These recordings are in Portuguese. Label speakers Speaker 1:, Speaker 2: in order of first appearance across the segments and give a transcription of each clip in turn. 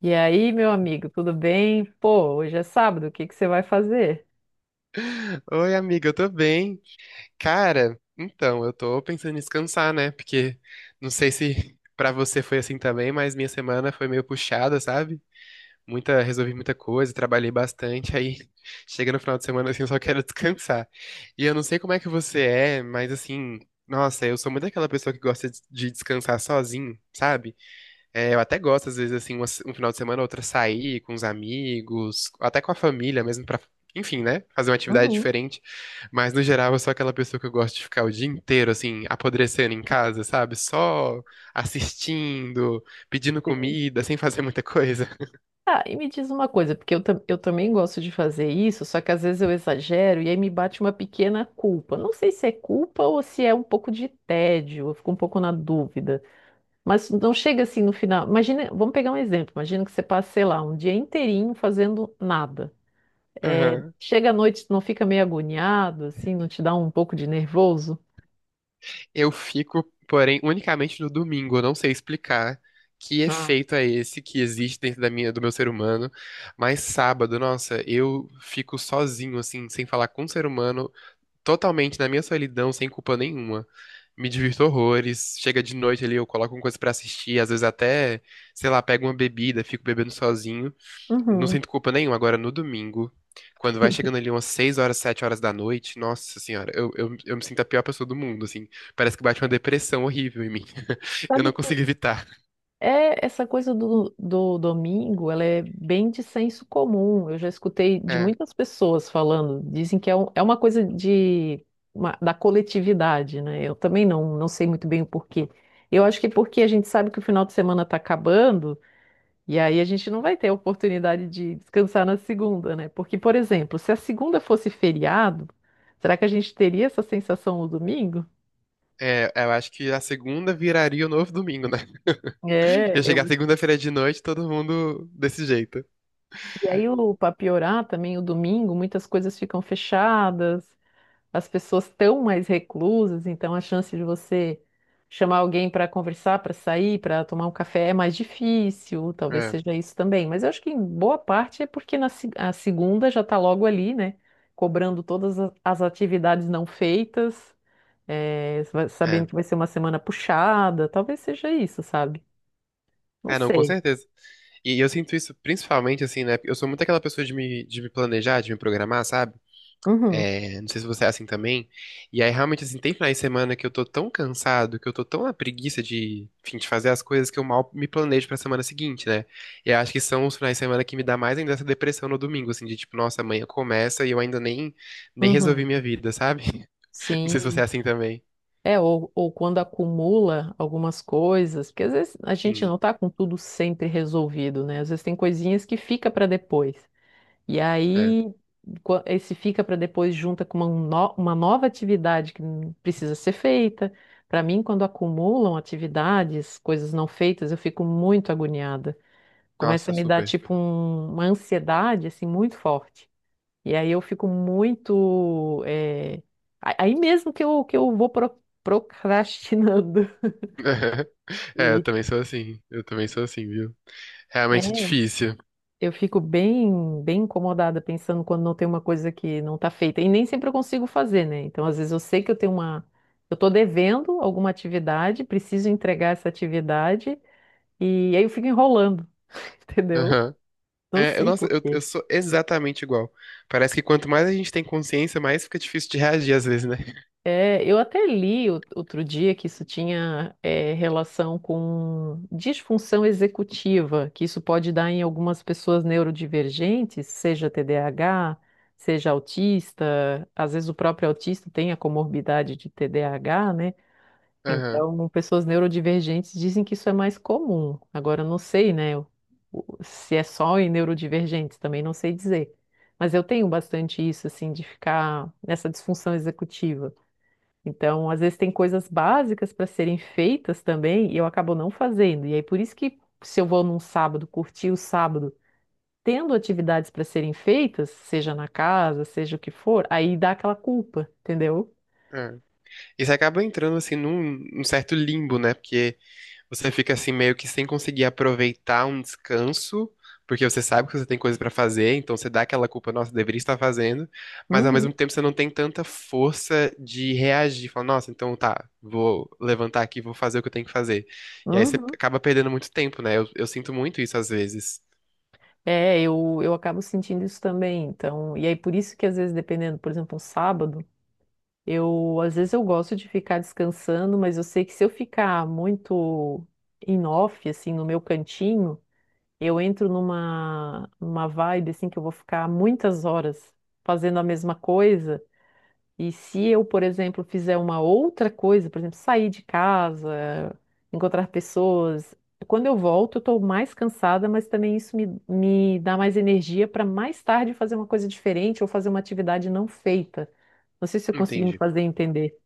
Speaker 1: E aí, meu amigo, tudo bem? Pô, hoje é sábado, o que que você vai fazer?
Speaker 2: Oi, amiga, eu tô bem. Cara, então, eu tô pensando em descansar, né? Porque não sei se pra você foi assim também, mas minha semana foi meio puxada, sabe? Muita, resolvi muita coisa, trabalhei bastante, aí chega no final de semana assim, eu só quero descansar. E eu não sei como é que você é, mas assim, nossa, eu sou muito aquela pessoa que gosta de descansar sozinho, sabe? É, eu até gosto, às vezes, assim, uma se- um final de semana, outra sair com os amigos, até com a família mesmo, pra, enfim, né? Fazer uma atividade
Speaker 1: Uhum,
Speaker 2: diferente. Mas, no geral, eu sou aquela pessoa que eu gosto de ficar o dia inteiro, assim, apodrecendo em casa, sabe? Só assistindo, pedindo
Speaker 1: sim.
Speaker 2: comida, sem fazer muita coisa.
Speaker 1: Ah, e me diz uma coisa, porque eu também gosto de fazer isso, só que às vezes eu exagero e aí me bate uma pequena culpa. Não sei se é culpa ou se é um pouco de tédio, eu fico um pouco na dúvida. Mas não chega assim no final. Imagina, vamos pegar um exemplo. Imagina que você passa, sei lá, um dia inteirinho fazendo nada. É,
Speaker 2: Aham.
Speaker 1: chega à noite, não fica meio agoniado, assim, não te dá um pouco de nervoso?
Speaker 2: Eu fico, porém, unicamente no domingo. Eu não sei explicar que
Speaker 1: Ah,
Speaker 2: efeito é esse que existe dentro do meu ser humano. Mas sábado, nossa, eu fico sozinho, assim, sem falar com o ser humano, totalmente na minha solidão, sem culpa nenhuma. Me divirto horrores. Chega de noite ali, eu coloco uma coisa pra assistir, às vezes até, sei lá, pego uma bebida, fico bebendo sozinho. Não
Speaker 1: uhum.
Speaker 2: sinto culpa nenhuma. Agora, no domingo, quando vai chegando ali umas 6 horas, 7 horas da noite, nossa senhora, eu me sinto a pior pessoa do mundo, assim. Parece que bate uma depressão horrível em mim. Eu não
Speaker 1: Sabe que
Speaker 2: consigo evitar.
Speaker 1: é, essa coisa do domingo, ela é bem de senso comum. Eu já escutei de
Speaker 2: É.
Speaker 1: muitas pessoas falando, dizem que é, é uma coisa de, da coletividade, né? Eu também não sei muito bem o porquê. Eu acho que é porque a gente sabe que o final de semana está acabando, e aí a gente não vai ter a oportunidade de descansar na segunda, né? Porque, por exemplo, se a segunda fosse feriado, será que a gente teria essa sensação no domingo?
Speaker 2: É, eu acho que a segunda viraria o novo domingo, né?
Speaker 1: É,
Speaker 2: Ia
Speaker 1: eu.
Speaker 2: chegar segunda-feira de noite, todo mundo desse jeito.
Speaker 1: E aí, para piorar também, o domingo, muitas coisas ficam fechadas, as pessoas estão mais reclusas, então a chance de você chamar alguém para conversar, para sair, para tomar um café é mais difícil, talvez
Speaker 2: É,
Speaker 1: seja isso também. Mas eu acho que em boa parte é porque na, se- a segunda já está logo ali, né? Cobrando as atividades não feitas, sabendo
Speaker 2: é.
Speaker 1: que vai ser uma semana puxada, talvez seja isso, sabe? Não
Speaker 2: É, não, com
Speaker 1: sei.
Speaker 2: certeza. E eu sinto isso principalmente assim, né? Eu sou muito aquela pessoa de me planejar, de me programar, sabe?
Speaker 1: Uhum,
Speaker 2: É, não sei se você é assim também. E aí, realmente, assim, tem finais de semana que eu tô tão cansado, que eu tô tão na preguiça de, enfim, de fazer as coisas que eu mal me planejo pra semana seguinte, né? E eu acho que são os finais de semana que me dá mais ainda essa depressão no domingo, assim, de tipo, nossa, amanhã começa e eu ainda nem, nem resolvi
Speaker 1: uhum.
Speaker 2: minha vida, sabe? Não sei se você é
Speaker 1: Sim.
Speaker 2: assim também.
Speaker 1: É, ou quando acumula algumas coisas, porque às vezes a gente
Speaker 2: Sim,
Speaker 1: não tá com tudo sempre resolvido, né? Às vezes tem coisinhas que fica para depois. E
Speaker 2: é.
Speaker 1: aí, esse fica para depois junta com uma, no- uma nova atividade que precisa ser feita. Para mim, quando acumulam atividades, coisas não feitas, eu fico muito agoniada. Começa
Speaker 2: Nossa,
Speaker 1: a me dar,
Speaker 2: super.
Speaker 1: tipo, uma ansiedade, assim, muito forte. E aí eu fico muito. Aí mesmo que eu vou procrastinando.
Speaker 2: É, eu
Speaker 1: E
Speaker 2: também sou assim. Eu também sou assim, viu? Realmente é
Speaker 1: é,
Speaker 2: difícil.
Speaker 1: eu fico bem, bem incomodada pensando quando não tem uma coisa que não está feita. E nem sempre eu consigo fazer, né? Então, às vezes eu sei que eu tenho uma. Eu estou devendo alguma atividade, preciso entregar essa atividade, e aí eu fico enrolando, entendeu?
Speaker 2: Aham.
Speaker 1: Não
Speaker 2: É,
Speaker 1: sei por
Speaker 2: eu
Speaker 1: quê.
Speaker 2: sou exatamente igual. Parece que quanto mais a gente tem consciência, mais fica difícil de reagir às vezes, né?
Speaker 1: É, eu até li outro dia que isso tinha é, relação com disfunção executiva, que isso pode dar em algumas pessoas neurodivergentes, seja TDAH, seja autista, às vezes o próprio autista tem a comorbidade de TDAH, né?
Speaker 2: Aham.
Speaker 1: Então, pessoas neurodivergentes dizem que isso é mais comum. Agora, eu não sei, né, se é só em neurodivergentes, também não sei dizer. Mas eu tenho bastante isso, assim, de ficar nessa disfunção executiva. Então, às vezes tem coisas básicas para serem feitas também e eu acabo não fazendo. E aí, por isso que se eu vou num sábado, curtir o sábado, tendo atividades para serem feitas, seja na casa, seja o que for, aí dá aquela culpa, entendeu?
Speaker 2: É. E você acaba entrando assim num certo limbo, né? Porque você fica assim meio que sem conseguir aproveitar um descanso, porque você sabe que você tem coisa pra fazer, então você dá aquela culpa, nossa, deveria estar fazendo, mas ao mesmo
Speaker 1: Uhum,
Speaker 2: tempo você não tem tanta força de reagir, falar, nossa, então tá, vou levantar aqui, vou fazer o que eu tenho que fazer. E aí você
Speaker 1: uhum.
Speaker 2: acaba perdendo muito tempo, né? Eu sinto muito isso às vezes.
Speaker 1: É, eu acabo sentindo isso também. Então, e aí por isso que às vezes, dependendo, por exemplo, um sábado, eu às vezes eu gosto de ficar descansando, mas eu sei que se eu ficar muito em off, assim, no meu cantinho. Eu entro numa vibe assim que eu vou ficar muitas horas fazendo a mesma coisa. E se eu, por exemplo, fizer uma outra coisa, por exemplo, sair de casa, encontrar pessoas, quando eu volto, eu estou mais cansada, mas também isso me dá mais energia para mais tarde fazer uma coisa diferente ou fazer uma atividade não feita. Não sei se eu consegui me
Speaker 2: Entendi.
Speaker 1: fazer entender.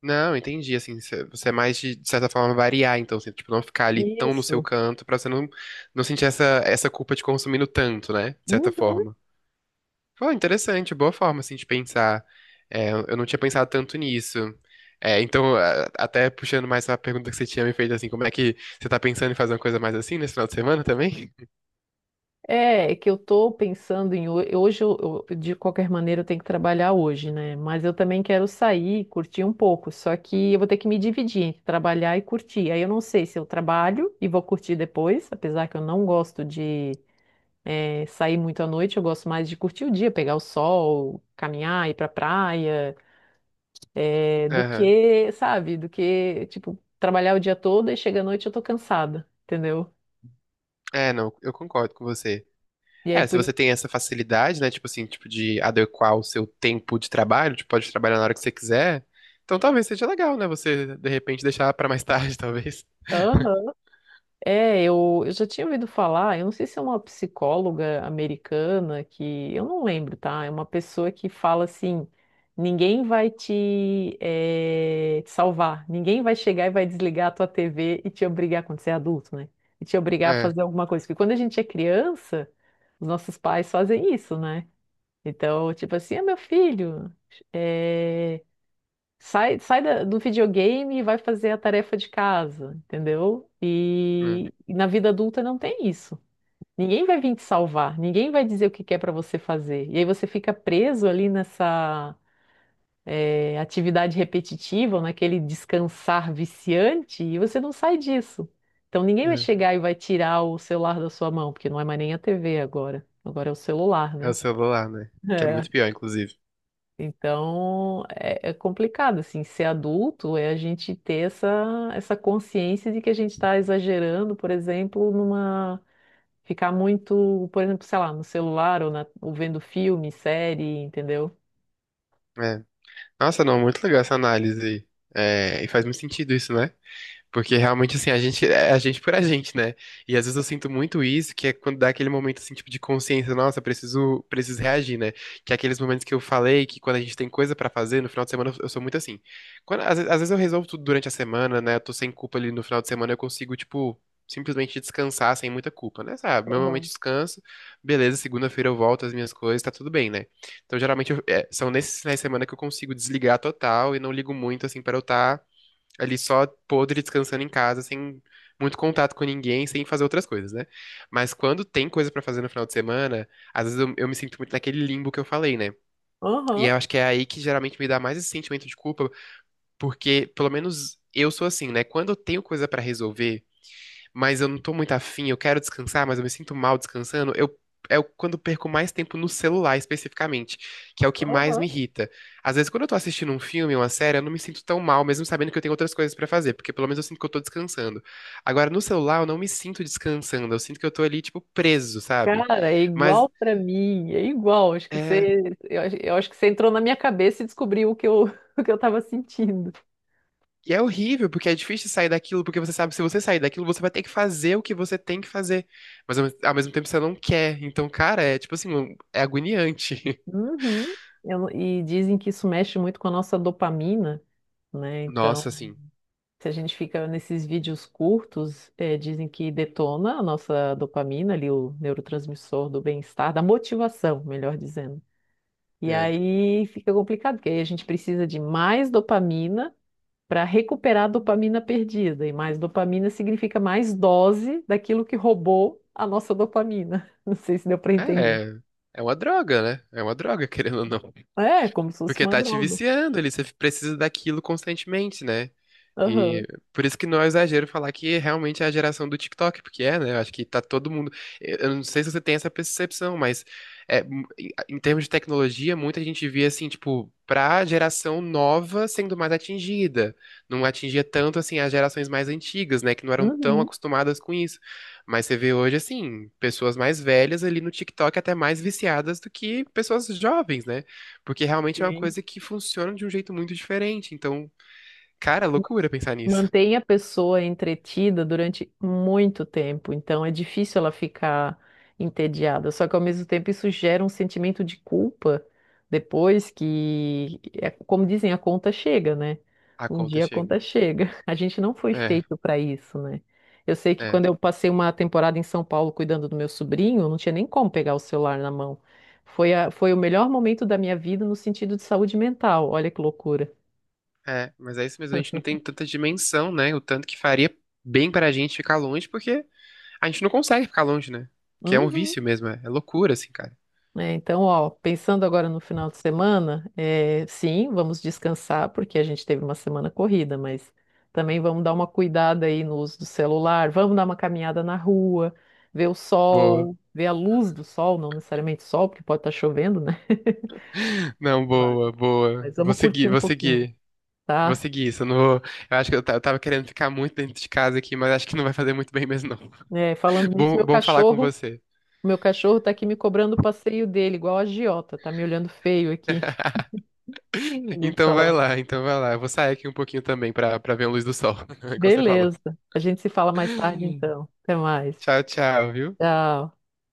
Speaker 2: Não, entendi, assim, você é mais de certa forma variar, então, assim, tipo, não ficar ali tão no seu
Speaker 1: Isso.
Speaker 2: canto, pra você não, não sentir essa culpa de consumindo tanto, né? De certa
Speaker 1: Uhum.
Speaker 2: forma. Pô, interessante, boa forma, assim, de pensar. É, eu não tinha pensado tanto nisso. É, então, até puxando mais a pergunta que você tinha me feito, assim, como é que você tá pensando em fazer uma coisa mais assim nesse final de semana também?
Speaker 1: É, é que eu tô pensando em hoje, de qualquer maneira, eu tenho que trabalhar hoje, né? Mas eu também quero sair, curtir um pouco. Só que eu vou ter que me dividir entre trabalhar e curtir. Aí eu não sei se eu trabalho e vou curtir depois, apesar que eu não gosto de sair muito à noite, eu gosto mais de curtir o dia, pegar o sol, caminhar, ir pra praia, do
Speaker 2: Aham.
Speaker 1: que, sabe, do que, tipo, trabalhar o dia todo e chega à noite eu tô cansada, entendeu?
Speaker 2: É, não, eu concordo com você.
Speaker 1: E aí
Speaker 2: É, se
Speaker 1: por
Speaker 2: você tem essa facilidade, né, tipo assim, tipo de adequar o seu tempo de trabalho, tipo, pode trabalhar na hora que você quiser, então talvez seja legal, né, você, de repente, deixar pra mais tarde, talvez.
Speaker 1: isso. É, eu já tinha ouvido falar, eu não sei se é uma psicóloga americana que, eu não lembro, tá? É uma pessoa que fala assim, ninguém vai te salvar, ninguém vai chegar e vai desligar a tua TV e te obrigar, quando você é adulto, né? E te obrigar a
Speaker 2: É,
Speaker 1: fazer alguma coisa. Porque quando a gente é criança, os nossos pais fazem isso, né? Então, tipo assim, ah, meu filho, eh, sai do videogame e vai fazer a tarefa de casa, entendeu?
Speaker 2: é,
Speaker 1: E na vida adulta não tem isso. Ninguém vai vir te salvar, ninguém vai dizer o que que é para você fazer. E aí você fica preso ali nessa é, atividade repetitiva, ou naquele descansar viciante, e você não sai disso. Então ninguém vai
Speaker 2: é.
Speaker 1: chegar e vai tirar o celular da sua mão, porque não é mais nem a TV agora. Agora é o celular,
Speaker 2: É o
Speaker 1: né?
Speaker 2: celular, né, que é
Speaker 1: É.
Speaker 2: muito pior, inclusive.
Speaker 1: Então, é, é complicado, assim, ser adulto é a gente ter essa, essa consciência de que a gente está exagerando, por exemplo, numa... Ficar muito, por exemplo, sei lá, no celular ou, ou vendo filme, série, entendeu?
Speaker 2: É. Nossa, não, muito legal essa análise aí. É, e faz muito sentido isso, né? Porque realmente, assim, a gente é a gente por a gente, né? E às vezes eu sinto muito isso, que é quando dá aquele momento, assim, tipo, de consciência, nossa, preciso reagir, né? Que é aqueles momentos que eu falei, que quando a gente tem coisa pra fazer, no final de semana eu sou muito assim. Quando, às vezes eu resolvo tudo durante a semana, né? Eu tô sem culpa ali no final de semana, eu consigo, tipo, simplesmente descansar sem muita culpa, né? Sabe? Meu momento de
Speaker 1: Aham,
Speaker 2: descanso, beleza, segunda-feira eu volto às minhas coisas, tá tudo bem, né? Então, geralmente, é, são nesses finais de semana que eu consigo desligar total e não ligo muito, assim, para eu estar ali só podre, descansando em casa, sem muito contato com ninguém, sem fazer outras coisas, né? Mas quando tem coisa pra fazer no final de semana, às vezes eu me sinto muito naquele limbo que eu falei, né? E
Speaker 1: aham,
Speaker 2: eu acho que é aí que geralmente me dá mais esse sentimento de culpa, porque pelo menos eu sou assim, né? Quando eu tenho coisa pra resolver mas eu não tô muito afim, eu quero descansar, mas eu me sinto mal descansando, quando eu perco mais tempo no celular especificamente, que é o que mais
Speaker 1: aham.
Speaker 2: me irrita. Às vezes, quando eu tô assistindo um filme, uma série, eu não me sinto tão mal, mesmo sabendo que eu tenho outras coisas pra fazer, porque pelo menos eu sinto que eu tô descansando. Agora, no celular, eu não me sinto descansando, eu sinto que eu tô ali, tipo, preso, sabe?
Speaker 1: Cara, é
Speaker 2: Mas
Speaker 1: igual pra mim, é igual. Acho que
Speaker 2: é.
Speaker 1: você, eu acho que você entrou na minha cabeça e descobriu o que eu, o que eu tava sentindo.
Speaker 2: E é horrível, porque é difícil sair daquilo, porque você sabe que se você sair daquilo, você vai ter que fazer o que você tem que fazer. Mas ao mesmo tempo você não quer. Então, cara, é tipo assim, é agoniante.
Speaker 1: Uhum. Eu não. E dizem que isso mexe muito com a nossa dopamina, né?
Speaker 2: Nossa,
Speaker 1: Então,
Speaker 2: assim.
Speaker 1: se a gente fica nesses vídeos curtos, dizem que detona a nossa dopamina, ali o neurotransmissor do bem-estar, da motivação, melhor dizendo. E
Speaker 2: É.
Speaker 1: aí fica complicado, porque aí a gente precisa de mais dopamina para recuperar a dopamina perdida. E mais dopamina significa mais dose daquilo que roubou a nossa dopamina. Não sei se deu para entender.
Speaker 2: É, é uma droga, né? É uma droga, querendo ou não.
Speaker 1: É, como se fosse
Speaker 2: Porque
Speaker 1: uma
Speaker 2: tá te
Speaker 1: droga.
Speaker 2: viciando ali, você precisa daquilo constantemente, né?
Speaker 1: Aham.
Speaker 2: E por isso que não é exagero falar que realmente é a geração do TikTok, porque é, né? Eu acho que tá todo mundo. Eu não sei se você tem essa percepção, mas é, em termos de tecnologia, muita gente via assim, tipo, pra geração nova sendo mais atingida. Não atingia tanto assim as gerações mais antigas, né? Que não eram tão
Speaker 1: Uhum.
Speaker 2: acostumadas com isso. Mas você vê hoje, assim, pessoas mais velhas ali no TikTok até mais viciadas do que pessoas jovens, né? Porque realmente é uma
Speaker 1: Sim.
Speaker 2: coisa que funciona de um jeito muito diferente. Então, cara, é loucura pensar nisso.
Speaker 1: Mantém a pessoa entretida durante muito tempo, então é difícil ela ficar entediada. Só que ao mesmo tempo isso gera um sentimento de culpa depois que, é como dizem, a conta chega, né?
Speaker 2: A
Speaker 1: Um
Speaker 2: conta
Speaker 1: dia a
Speaker 2: chega.
Speaker 1: conta chega. A gente não foi
Speaker 2: É,
Speaker 1: feito para isso, né? Eu sei que
Speaker 2: é,
Speaker 1: quando eu passei uma temporada em São Paulo cuidando do meu sobrinho, eu não tinha nem como pegar o celular na mão. Foi o melhor momento da minha vida no sentido de saúde mental. Olha que loucura.
Speaker 2: é. Mas é isso mesmo, a gente não tem tanta dimensão, né? O tanto que faria bem pra gente ficar longe, porque a gente não consegue ficar longe, né? Que é um
Speaker 1: Uhum.
Speaker 2: vício mesmo, é, é loucura, assim, cara.
Speaker 1: Né? Então, ó, pensando agora no final de semana, é, sim, vamos descansar, porque a gente teve uma semana corrida, mas também vamos dar uma cuidada aí no uso do celular, vamos dar uma caminhada na rua, ver o
Speaker 2: Boa.
Speaker 1: sol, ver a luz do sol, não necessariamente sol, porque pode estar chovendo, né?
Speaker 2: Não,
Speaker 1: Mas
Speaker 2: boa, boa.
Speaker 1: mas
Speaker 2: Vou
Speaker 1: vamos curtir
Speaker 2: seguir,
Speaker 1: um
Speaker 2: vou
Speaker 1: pouquinho,
Speaker 2: seguir. Vou
Speaker 1: tá?
Speaker 2: seguir isso. Eu, não vou- eu acho que eu tava querendo ficar muito dentro de casa aqui, mas acho que não vai fazer muito bem mesmo, não.
Speaker 1: É, falando nisso,
Speaker 2: Bom, bom falar com você.
Speaker 1: meu cachorro tá aqui me cobrando o passeio dele, igual a agiota, tá me olhando feio aqui. Olhei de
Speaker 2: Então vai
Speaker 1: celular.
Speaker 2: lá, então vai lá. Eu vou sair aqui um pouquinho também pra, pra ver a luz do sol, como você falou.
Speaker 1: Beleza. A gente se fala mais tarde, então. Até mais.
Speaker 2: Tchau, tchau, viu?
Speaker 1: Tchau.